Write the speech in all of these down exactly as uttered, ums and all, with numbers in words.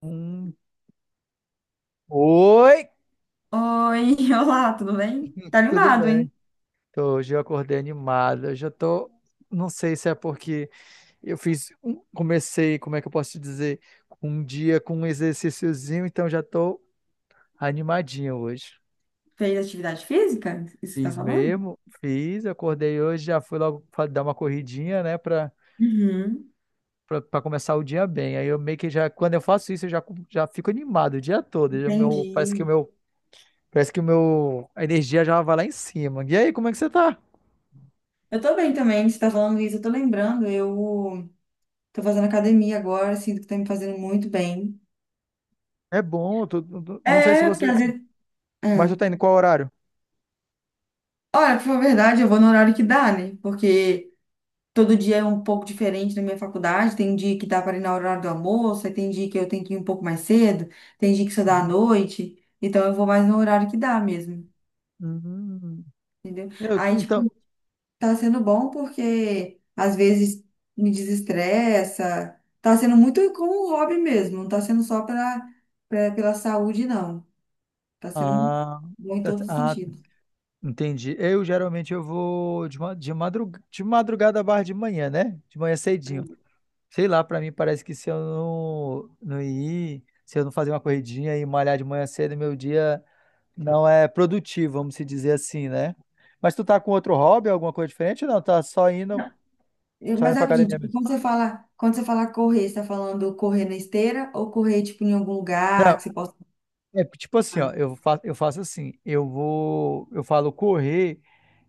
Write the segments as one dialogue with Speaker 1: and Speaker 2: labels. Speaker 1: Hum. Oi,
Speaker 2: Oi, olá, tudo bem? Tá
Speaker 1: tudo
Speaker 2: animado,
Speaker 1: bem?
Speaker 2: hein?
Speaker 1: Então, hoje eu acordei animado. Eu já tô, não sei se é porque eu fiz, um- comecei, como é que eu posso te dizer, um dia com um exercíciozinho, então já tô animadinho hoje.
Speaker 2: Fez atividade física? Isso que você tá
Speaker 1: Fiz
Speaker 2: falando?
Speaker 1: mesmo, fiz, acordei hoje, já fui logo fa- dar uma corridinha, né, pra,
Speaker 2: Uhum,
Speaker 1: pra, pra começar o dia bem. Aí eu meio que já, quando eu faço isso, eu já, cu- já fico animado o dia todo. Já meu, parece que o
Speaker 2: entendi.
Speaker 1: meu, parece que o meu, a energia já vai lá em cima. E aí, como é que você tá?
Speaker 2: Eu tô bem também, você tá falando isso, eu tô lembrando, eu tô fazendo academia agora, sinto que tá me fazendo muito bem.
Speaker 1: É bom, tu- tu- tu- não sei se
Speaker 2: É, porque
Speaker 1: você.
Speaker 2: às vezes...
Speaker 1: Mas tu
Speaker 2: Ah.
Speaker 1: tá indo qual horário?
Speaker 2: Olha, pra falar a verdade, eu vou no horário que dá, né? Porque todo dia é um pouco diferente na minha faculdade, tem dia que dá para ir no horário do almoço, aí tem dia que eu tenho que ir um pouco mais cedo, tem dia que só dá à
Speaker 1: Uhum.
Speaker 2: noite, então eu vou mais no horário que dá mesmo,
Speaker 1: Uhum.
Speaker 2: entendeu?
Speaker 1: Eu,
Speaker 2: Aí,
Speaker 1: então.
Speaker 2: tipo, tá sendo bom porque às vezes me desestressa. Tá sendo muito como um hobby mesmo, não tá sendo só pra, pra- pela saúde, não. Tá sendo
Speaker 1: Ah,
Speaker 2: bom em
Speaker 1: tá- tá,
Speaker 2: todos os
Speaker 1: ah,
Speaker 2: sentidos.
Speaker 1: entendi. Eu geralmente eu vou de, ma- de, madrug, de madrugada barra de manhã, né? De manhã cedinho. Sei lá, pra mim parece que se eu não, não ir, se eu não fazer uma corridinha e malhar de manhã cedo, meu dia não é produtivo, vamos se dizer assim, né? Mas tu tá com outro hobby, alguma coisa diferente? Ou não, tá só indo,
Speaker 2: Eu-
Speaker 1: só
Speaker 2: Mas
Speaker 1: indo pra
Speaker 2: rapidinho,
Speaker 1: academia
Speaker 2: tipo,
Speaker 1: mesmo?
Speaker 2: quando você fala, quando você fala correr, você tá falando correr na esteira ou correr, tipo, em algum lugar que você possa.
Speaker 1: É, tipo assim, ó, eu faço, eu faço assim, eu vou, eu falo correr,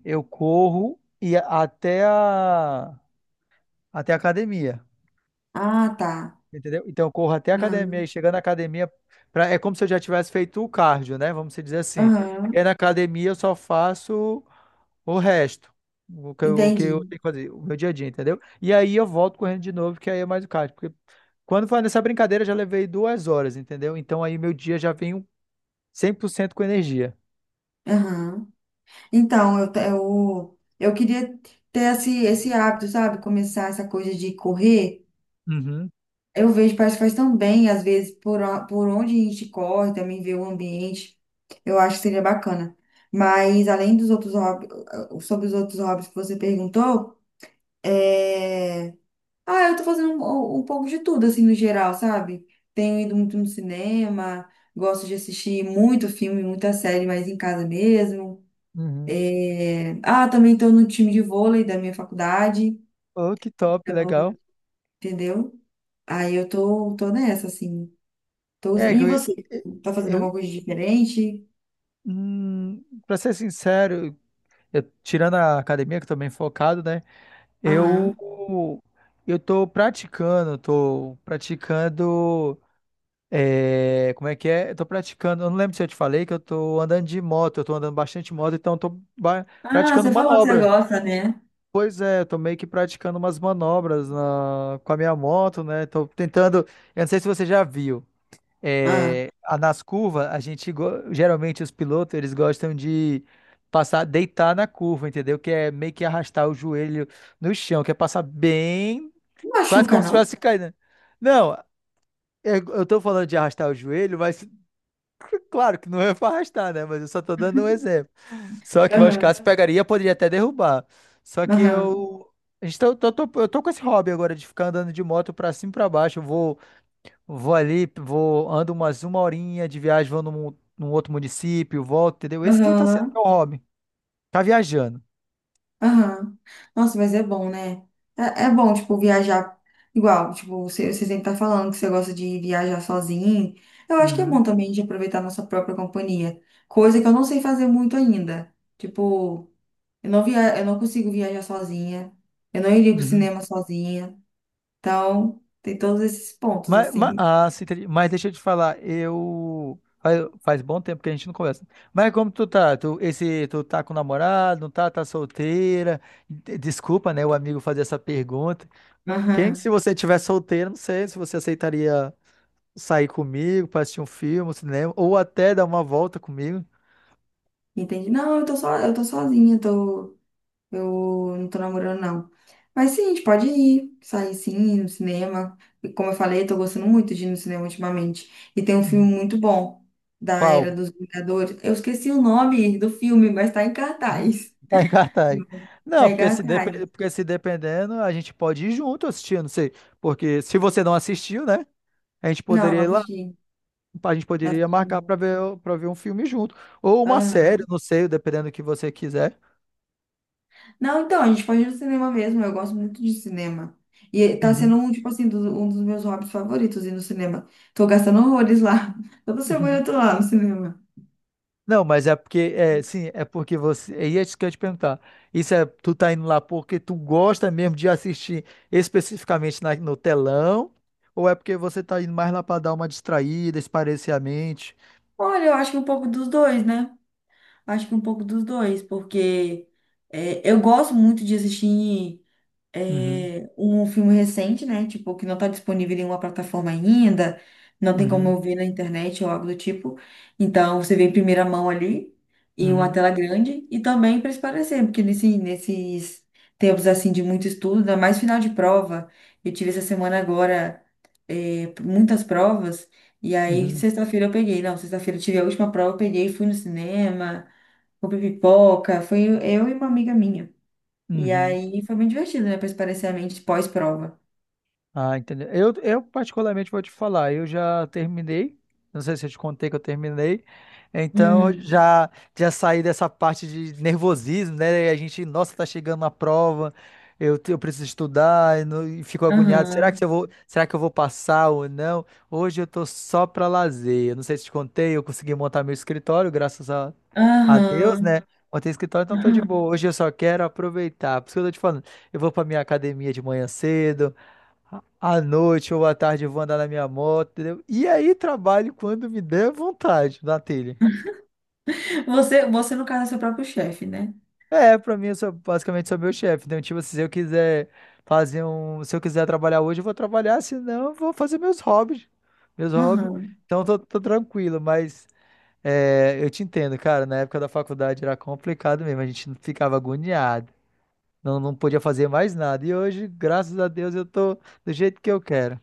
Speaker 1: eu corro e a- até a, até a academia,
Speaker 2: Ah, tá.
Speaker 1: entendeu? Então eu corro até a academia e
Speaker 2: Aham.
Speaker 1: chegando na academia, pra, é como se eu já tivesse feito o cardio, né? Vamos dizer assim. E aí
Speaker 2: Aham.
Speaker 1: na academia eu só faço o resto, o que, eu- o que
Speaker 2: Entendi.
Speaker 1: eu tenho que fazer, o meu dia a dia, entendeu? E aí eu volto correndo de novo, que aí é mais o cardio. Porque quando foi nessa brincadeira, eu já levei duas horas, entendeu? Então aí meu dia já vem cem por cento com energia.
Speaker 2: Aham. Então, eu, te- eu, eu queria ter esse, esse hábito, sabe? Começar essa coisa de correr.
Speaker 1: Uhum.
Speaker 2: Eu vejo, parece que faz tão bem, às vezes, por, o- por onde a gente corre, também ver o ambiente. Eu acho que seria bacana. Mas, além dos outros hobbies, sobre os outros hobbies que você perguntou, é... ah, eu tô fazendo um, um um pouco de tudo, assim, no geral, sabe? Tenho ido muito no cinema, gosto de assistir muito filme, muita série, mas em casa mesmo.
Speaker 1: Uhum.
Speaker 2: É, Ah, também tô no time de vôlei da minha faculdade,
Speaker 1: Oh, que top,
Speaker 2: então,
Speaker 1: legal.
Speaker 2: entendeu? Aí eu tô, tô nessa, assim. Tô usando-
Speaker 1: É que
Speaker 2: E
Speaker 1: eu,
Speaker 2: você? Tá fazendo
Speaker 1: eu,
Speaker 2: alguma coisa diferente?
Speaker 1: hum, pra ser sincero, eu- tirando a academia, que eu tô bem focado, né? Eu,
Speaker 2: Aham.
Speaker 1: eu tô praticando, tô praticando. é, como é que é? Eu tô praticando. Eu não lembro se eu te falei que eu tô andando de moto, eu tô andando bastante de moto, então eu tô ba-
Speaker 2: Ah,
Speaker 1: praticando
Speaker 2: você falou que você
Speaker 1: manobra.
Speaker 2: gosta, né?
Speaker 1: Pois é, eu tô meio que praticando umas manobras na- com a minha moto, né? Tô tentando. Eu não sei se você já viu.
Speaker 2: Ah,
Speaker 1: É, a- nas curvas, a gente go- geralmente os pilotos eles gostam de passar, deitar na curva, entendeu? Que é meio que arrastar o joelho no chão, que é passar bem,
Speaker 2: não
Speaker 1: quase
Speaker 2: machuca,
Speaker 1: como se
Speaker 2: não?
Speaker 1: fosse caindo. Não, eu, eu tô falando de arrastar o joelho, mas claro que não é pra arrastar, né? Mas eu só tô dando um exemplo. Só que meus
Speaker 2: Aham,
Speaker 1: casos pegaria, poderia até derrubar. Só que
Speaker 2: aham,
Speaker 1: eu, a gente tá- eu tô, tô- eu tô com esse hobby agora de ficar andando de moto pra cima e pra baixo. Eu vou Vou ali, vou, ando umas uma horinha de viagem, vou num, num outro município, volto, entendeu? Esse que tá sendo
Speaker 2: aham,
Speaker 1: meu hobby. Tá viajando.
Speaker 2: aham. Nossa, mas é bom, né? É, é bom, tipo, viajar igual. Tipo, você, você sempre tá falando que você gosta de viajar sozinho. Eu acho que é
Speaker 1: Uhum,
Speaker 2: bom também de aproveitar a nossa própria companhia. Coisa que eu não sei fazer muito ainda. Tipo, eu não via, eu não consigo viajar sozinha. Eu não iria pro
Speaker 1: uhum.
Speaker 2: cinema sozinha. Então, tem todos esses pontos,
Speaker 1: Mas, mas,
Speaker 2: assim.
Speaker 1: ah, sim, entendi. Mas deixa eu te falar, eu. Faz, faz bom tempo que a gente não conversa. Mas como tu tá? Tu, esse, tu tá com namorado, não tá? Tá solteira? De- Desculpa, né, o amigo fazer essa pergunta. Quem,
Speaker 2: Aham.
Speaker 1: se você tiver solteira, não sei se você aceitaria sair comigo pra assistir um filme, um cinema, ou até dar uma volta comigo.
Speaker 2: Entende? Não, eu tô só, eu tô sozinha, tô, eu não tô namorando, não. Mas sim, a gente pode ir, sair sim, no cinema. E como eu falei, eu tô gostando muito de ir no cinema ultimamente. E tem um filme
Speaker 1: Hum.
Speaker 2: muito bom da
Speaker 1: Qual?
Speaker 2: Era dos Vingadores. Eu esqueci o nome do filme, mas tá em
Speaker 1: Uhum.
Speaker 2: cartaz.
Speaker 1: Tá em cartaz.
Speaker 2: Tá
Speaker 1: Não,
Speaker 2: em
Speaker 1: porque se, depe-
Speaker 2: cartaz.
Speaker 1: porque se dependendo, a gente pode ir junto assistir, eu não sei. Porque se você não assistiu, né? A gente
Speaker 2: Não, não
Speaker 1: poderia ir lá,
Speaker 2: assisti.
Speaker 1: a gente
Speaker 2: Não
Speaker 1: poderia marcar para
Speaker 2: assisti.
Speaker 1: ver, para ver um filme junto. Ou uma
Speaker 2: Não.
Speaker 1: série, não sei, dependendo do que você quiser.
Speaker 2: Não, então, a gente pode ir no cinema mesmo. Eu gosto muito de cinema. E tá sendo
Speaker 1: Uhum.
Speaker 2: um, tipo assim, do- um dos meus hobbies favoritos ir no cinema. Tô gastando horrores lá. Toda semana
Speaker 1: Uhum.
Speaker 2: eu tô lá no cinema.
Speaker 1: Não, mas é porque, é, sim, é porque você. É isso que eu ia te perguntar. Isso é, tu tá indo lá porque tu gosta mesmo de assistir especificamente na- no telão? Ou é porque você tá indo mais lá para dar uma distraída, espairecer a mente?
Speaker 2: Olha, eu acho que um pouco dos dois, né? Acho que um pouco dos dois, porque é, eu gosto muito de assistir. É, um filme recente, né? Tipo, que não tá disponível em nenhuma plataforma ainda, não tem como
Speaker 1: Uhum,
Speaker 2: eu ver na internet ou algo do tipo. Então, você vê em primeira mão ali, em uma
Speaker 1: uhum,
Speaker 2: tela grande, e também para esparecer, porque nesse, nesses tempos, assim, de muito estudo, ainda mais final de prova, eu tive essa semana agora é, muitas provas, e aí
Speaker 1: uhum,
Speaker 2: sexta-feira eu peguei, não, sexta-feira eu tive a última prova, eu peguei, fui no cinema, comprei pipoca, foi eu e uma amiga minha. E
Speaker 1: uhum.
Speaker 2: aí foi muito divertido, né? Pra espairecer a mente pós-prova.
Speaker 1: Ah, entendeu? Eu, eu particularmente vou te falar, eu já terminei, não sei se eu te contei que eu terminei, então
Speaker 2: Hum,
Speaker 1: já já saí dessa parte de nervosismo, né? E a gente, nossa, tá chegando na prova, eu, te- eu preciso estudar, e, não- e fico agoniado, será que
Speaker 2: aham,
Speaker 1: eu vou, será que eu vou passar ou não? Hoje eu tô só pra lazer, eu não sei se te contei, eu consegui montar meu escritório, graças a, a Deus,
Speaker 2: aham,
Speaker 1: né? Montei escritório, então tô de
Speaker 2: aham.
Speaker 1: boa, hoje eu só quero aproveitar, por isso que eu tô te falando, eu vou pra minha academia de manhã cedo, à noite ou à tarde eu vou andar na minha moto, entendeu? E aí trabalho quando me der vontade na telha.
Speaker 2: Você, você, no caso, é seu próprio chefe, né?
Speaker 1: É, pra mim eu sou basicamente sou meu chefe. Então, tipo, se eu quiser fazer um. Se eu quiser trabalhar hoje, eu vou trabalhar, senão eu vou fazer meus hobbies. Meus hobbies.
Speaker 2: Aham.
Speaker 1: Então tô, tô tranquilo, mas é, eu te entendo, cara. Na época da faculdade era complicado mesmo, a gente ficava agoniado. Não, não podia fazer mais nada. E hoje, graças a Deus, eu tô do jeito que eu quero.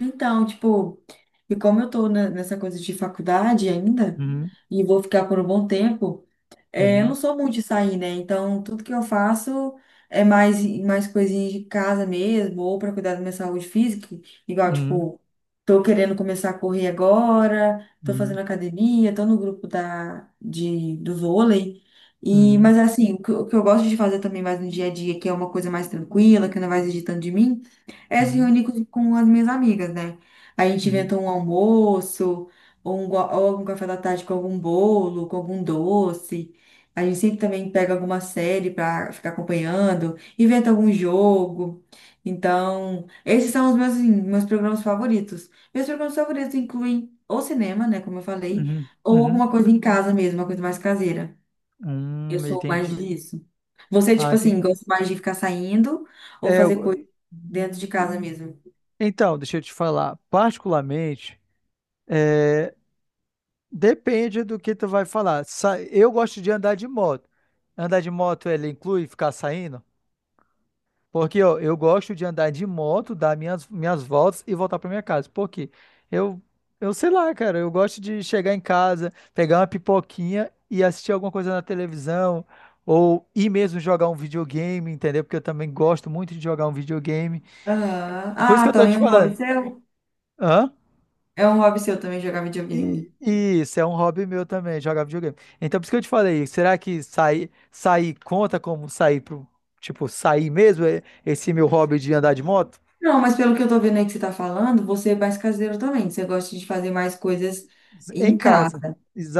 Speaker 2: Então, tipo, e como eu tô ne- nessa coisa de faculdade ainda,
Speaker 1: Uhum,
Speaker 2: e vou ficar por um bom tempo. É, eu não
Speaker 1: uhum,
Speaker 2: sou muito de sair, né? Então, tudo que eu faço é mais, mais coisinhas de casa mesmo, ou para cuidar da minha saúde física. Igual,
Speaker 1: uhum,
Speaker 2: tipo, tô querendo começar a correr agora, tô fazendo
Speaker 1: uhum,
Speaker 2: academia, tô no grupo da, de, do vôlei. E,
Speaker 1: uhum.
Speaker 2: mas, assim, o que, o que eu gosto de fazer também mais no dia a dia, que é uma coisa mais tranquila, que não vai exigir tanto de mim, é se
Speaker 1: Uhum,
Speaker 2: reunir com com as minhas amigas, né? A gente
Speaker 1: uhum,
Speaker 2: inventa um almoço, ou, um, go- ou algum café da tarde com algum bolo, com algum doce. A gente sempre também pega alguma série para ficar acompanhando, inventa algum jogo. Então, esses são os meus, assim, meus programas favoritos. Meus programas favoritos incluem ou cinema, né, como eu falei,
Speaker 1: uhum,
Speaker 2: ou
Speaker 1: uhum.
Speaker 2: alguma coisa em casa mesmo, uma coisa mais caseira. Eu
Speaker 1: Hum,
Speaker 2: sou mais
Speaker 1: entendi.
Speaker 2: disso. Você,
Speaker 1: Ah,
Speaker 2: tipo
Speaker 1: entendi.
Speaker 2: assim, gosta mais de ficar saindo ou
Speaker 1: É,
Speaker 2: fazer
Speaker 1: eu-
Speaker 2: coisa dentro de casa mesmo?
Speaker 1: então, deixa eu te falar. Particularmente, é, depende do que tu vai falar. Sa- Eu gosto de andar de moto. Andar de moto, ele inclui ficar saindo? Porque ó, eu gosto de andar de moto, dar minhas, minhas voltas e voltar para minha casa. Por quê? Eu, eu sei lá, cara, eu gosto de chegar em casa, pegar uma pipoquinha e assistir alguma coisa na televisão, ou ir mesmo jogar um videogame, entendeu? Porque eu também gosto muito de jogar um videogame.
Speaker 2: Aham.
Speaker 1: Por isso que
Speaker 2: Ah,
Speaker 1: eu tô
Speaker 2: também
Speaker 1: te
Speaker 2: é um hobby
Speaker 1: falando.
Speaker 2: seu?
Speaker 1: Hã?
Speaker 2: É um hobby seu também jogar
Speaker 1: E,
Speaker 2: videogame.
Speaker 1: e isso é um hobby meu também, jogar videogame. Então, por isso que eu te falei, será que sair, sair conta como sair pro, tipo, sair mesmo, é, esse meu hobby de andar de moto?
Speaker 2: Não, mas pelo que eu tô vendo aí que você tá falando, você é mais caseiro também. Você gosta de fazer mais coisas
Speaker 1: Em
Speaker 2: em casa.
Speaker 1: casa,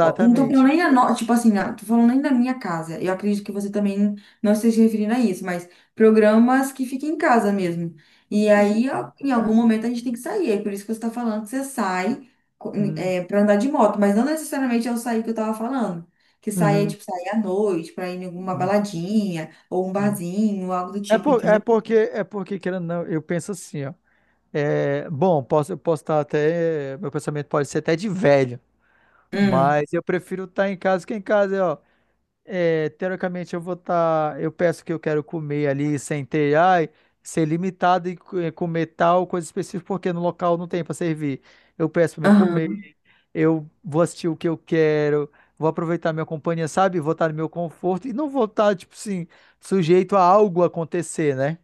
Speaker 2: Ó, não tô falando nem a no... tipo assim, ah, tô falando nem da minha casa. Eu acredito que você também não esteja se referindo a isso, mas programas que fiquem em casa mesmo. E
Speaker 1: E
Speaker 2: aí, ó, em algum momento, a gente tem que sair. É por isso que você tá falando que você sai co-
Speaker 1: uhum,
Speaker 2: é, pra andar de moto, mas não necessariamente é o sair que eu tava falando. Que sair é
Speaker 1: uhum,
Speaker 2: tipo sair à noite, pra ir em alguma
Speaker 1: uhum,
Speaker 2: baladinha, ou um
Speaker 1: uhum.
Speaker 2: barzinho, algo do
Speaker 1: É,
Speaker 2: tipo,
Speaker 1: por, é
Speaker 2: entendeu?
Speaker 1: porque é porque querendo ou não, eu penso assim, ó. É, bom, posso eu posso estar até meu pensamento pode ser até de velho,
Speaker 2: Hum.
Speaker 1: mas eu prefiro estar em casa que em casa, ó. É, teoricamente eu vou estar. Eu peço que eu quero comer ali sem ter, ai, ser limitado e co- eh, comer tal coisa específica, porque no local não tem para servir. Eu peço para me comer, eu vou assistir o que eu quero, vou aproveitar minha companhia, sabe? Vou estar no meu conforto e não vou estar, tipo assim, sujeito a algo acontecer, né?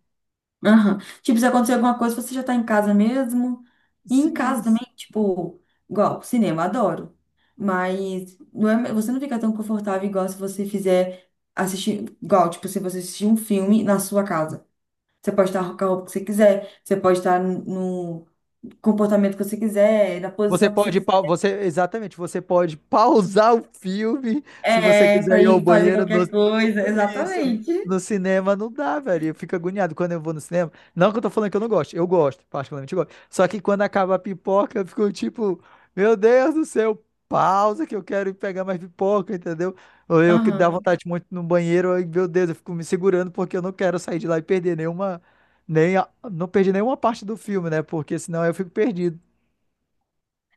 Speaker 2: Aham. Tipo, se acontecer alguma coisa, você já tá em casa mesmo. E em
Speaker 1: Sim.
Speaker 2: casa também, tipo, igual, cinema, adoro. Mas não é, você não fica tão confortável igual se você fizer assistir, igual, tipo, se você assistir um filme na sua casa. Você pode estar com a roupa que você quiser, você pode estar no comportamento que você quiser, na
Speaker 1: Você
Speaker 2: posição que você
Speaker 1: pode, pau-
Speaker 2: quiser.
Speaker 1: você, exatamente, você pode pausar o filme se você
Speaker 2: É,
Speaker 1: quiser
Speaker 2: pra
Speaker 1: ir ao
Speaker 2: ir fazer
Speaker 1: banheiro. No,
Speaker 2: qualquer coisa,
Speaker 1: isso,
Speaker 2: exatamente.
Speaker 1: no cinema não dá, velho. Eu fico agoniado quando eu vou no cinema. Não que eu tô falando que eu não gosto, eu gosto, particularmente eu gosto. Só que quando acaba a pipoca, eu fico tipo, meu Deus do céu, pausa que eu quero ir pegar mais pipoca, entendeu? Ou eu que dá vontade muito no banheiro, aí, meu Deus, eu fico me segurando porque eu não quero sair de lá e perder nenhuma, nem a- não perdi nenhuma parte do filme, né? Porque senão eu fico perdido.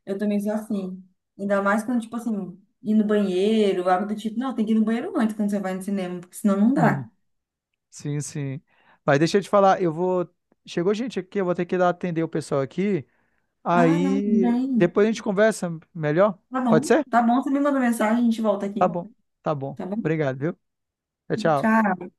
Speaker 2: Eu também sou assim. Ainda mais quando, tipo assim, ir no banheiro, algo do tipo. Não, tem que ir no banheiro antes quando você vai no cinema, porque senão não dá.
Speaker 1: Hum. Sim, sim. Mas deixa eu te falar, eu vou. Chegou gente aqui, eu vou ter que ir lá atender o pessoal aqui.
Speaker 2: Ah, não, tudo
Speaker 1: Aí
Speaker 2: bem.
Speaker 1: depois a gente conversa melhor.
Speaker 2: Tá
Speaker 1: Pode
Speaker 2: bom,
Speaker 1: ser?
Speaker 2: tá bom, você me manda mensagem, a gente volta
Speaker 1: Tá
Speaker 2: aqui.
Speaker 1: bom. Tá bom.
Speaker 2: Tá bom?
Speaker 1: Obrigado, viu? Tchau, tchau.
Speaker 2: Tchau.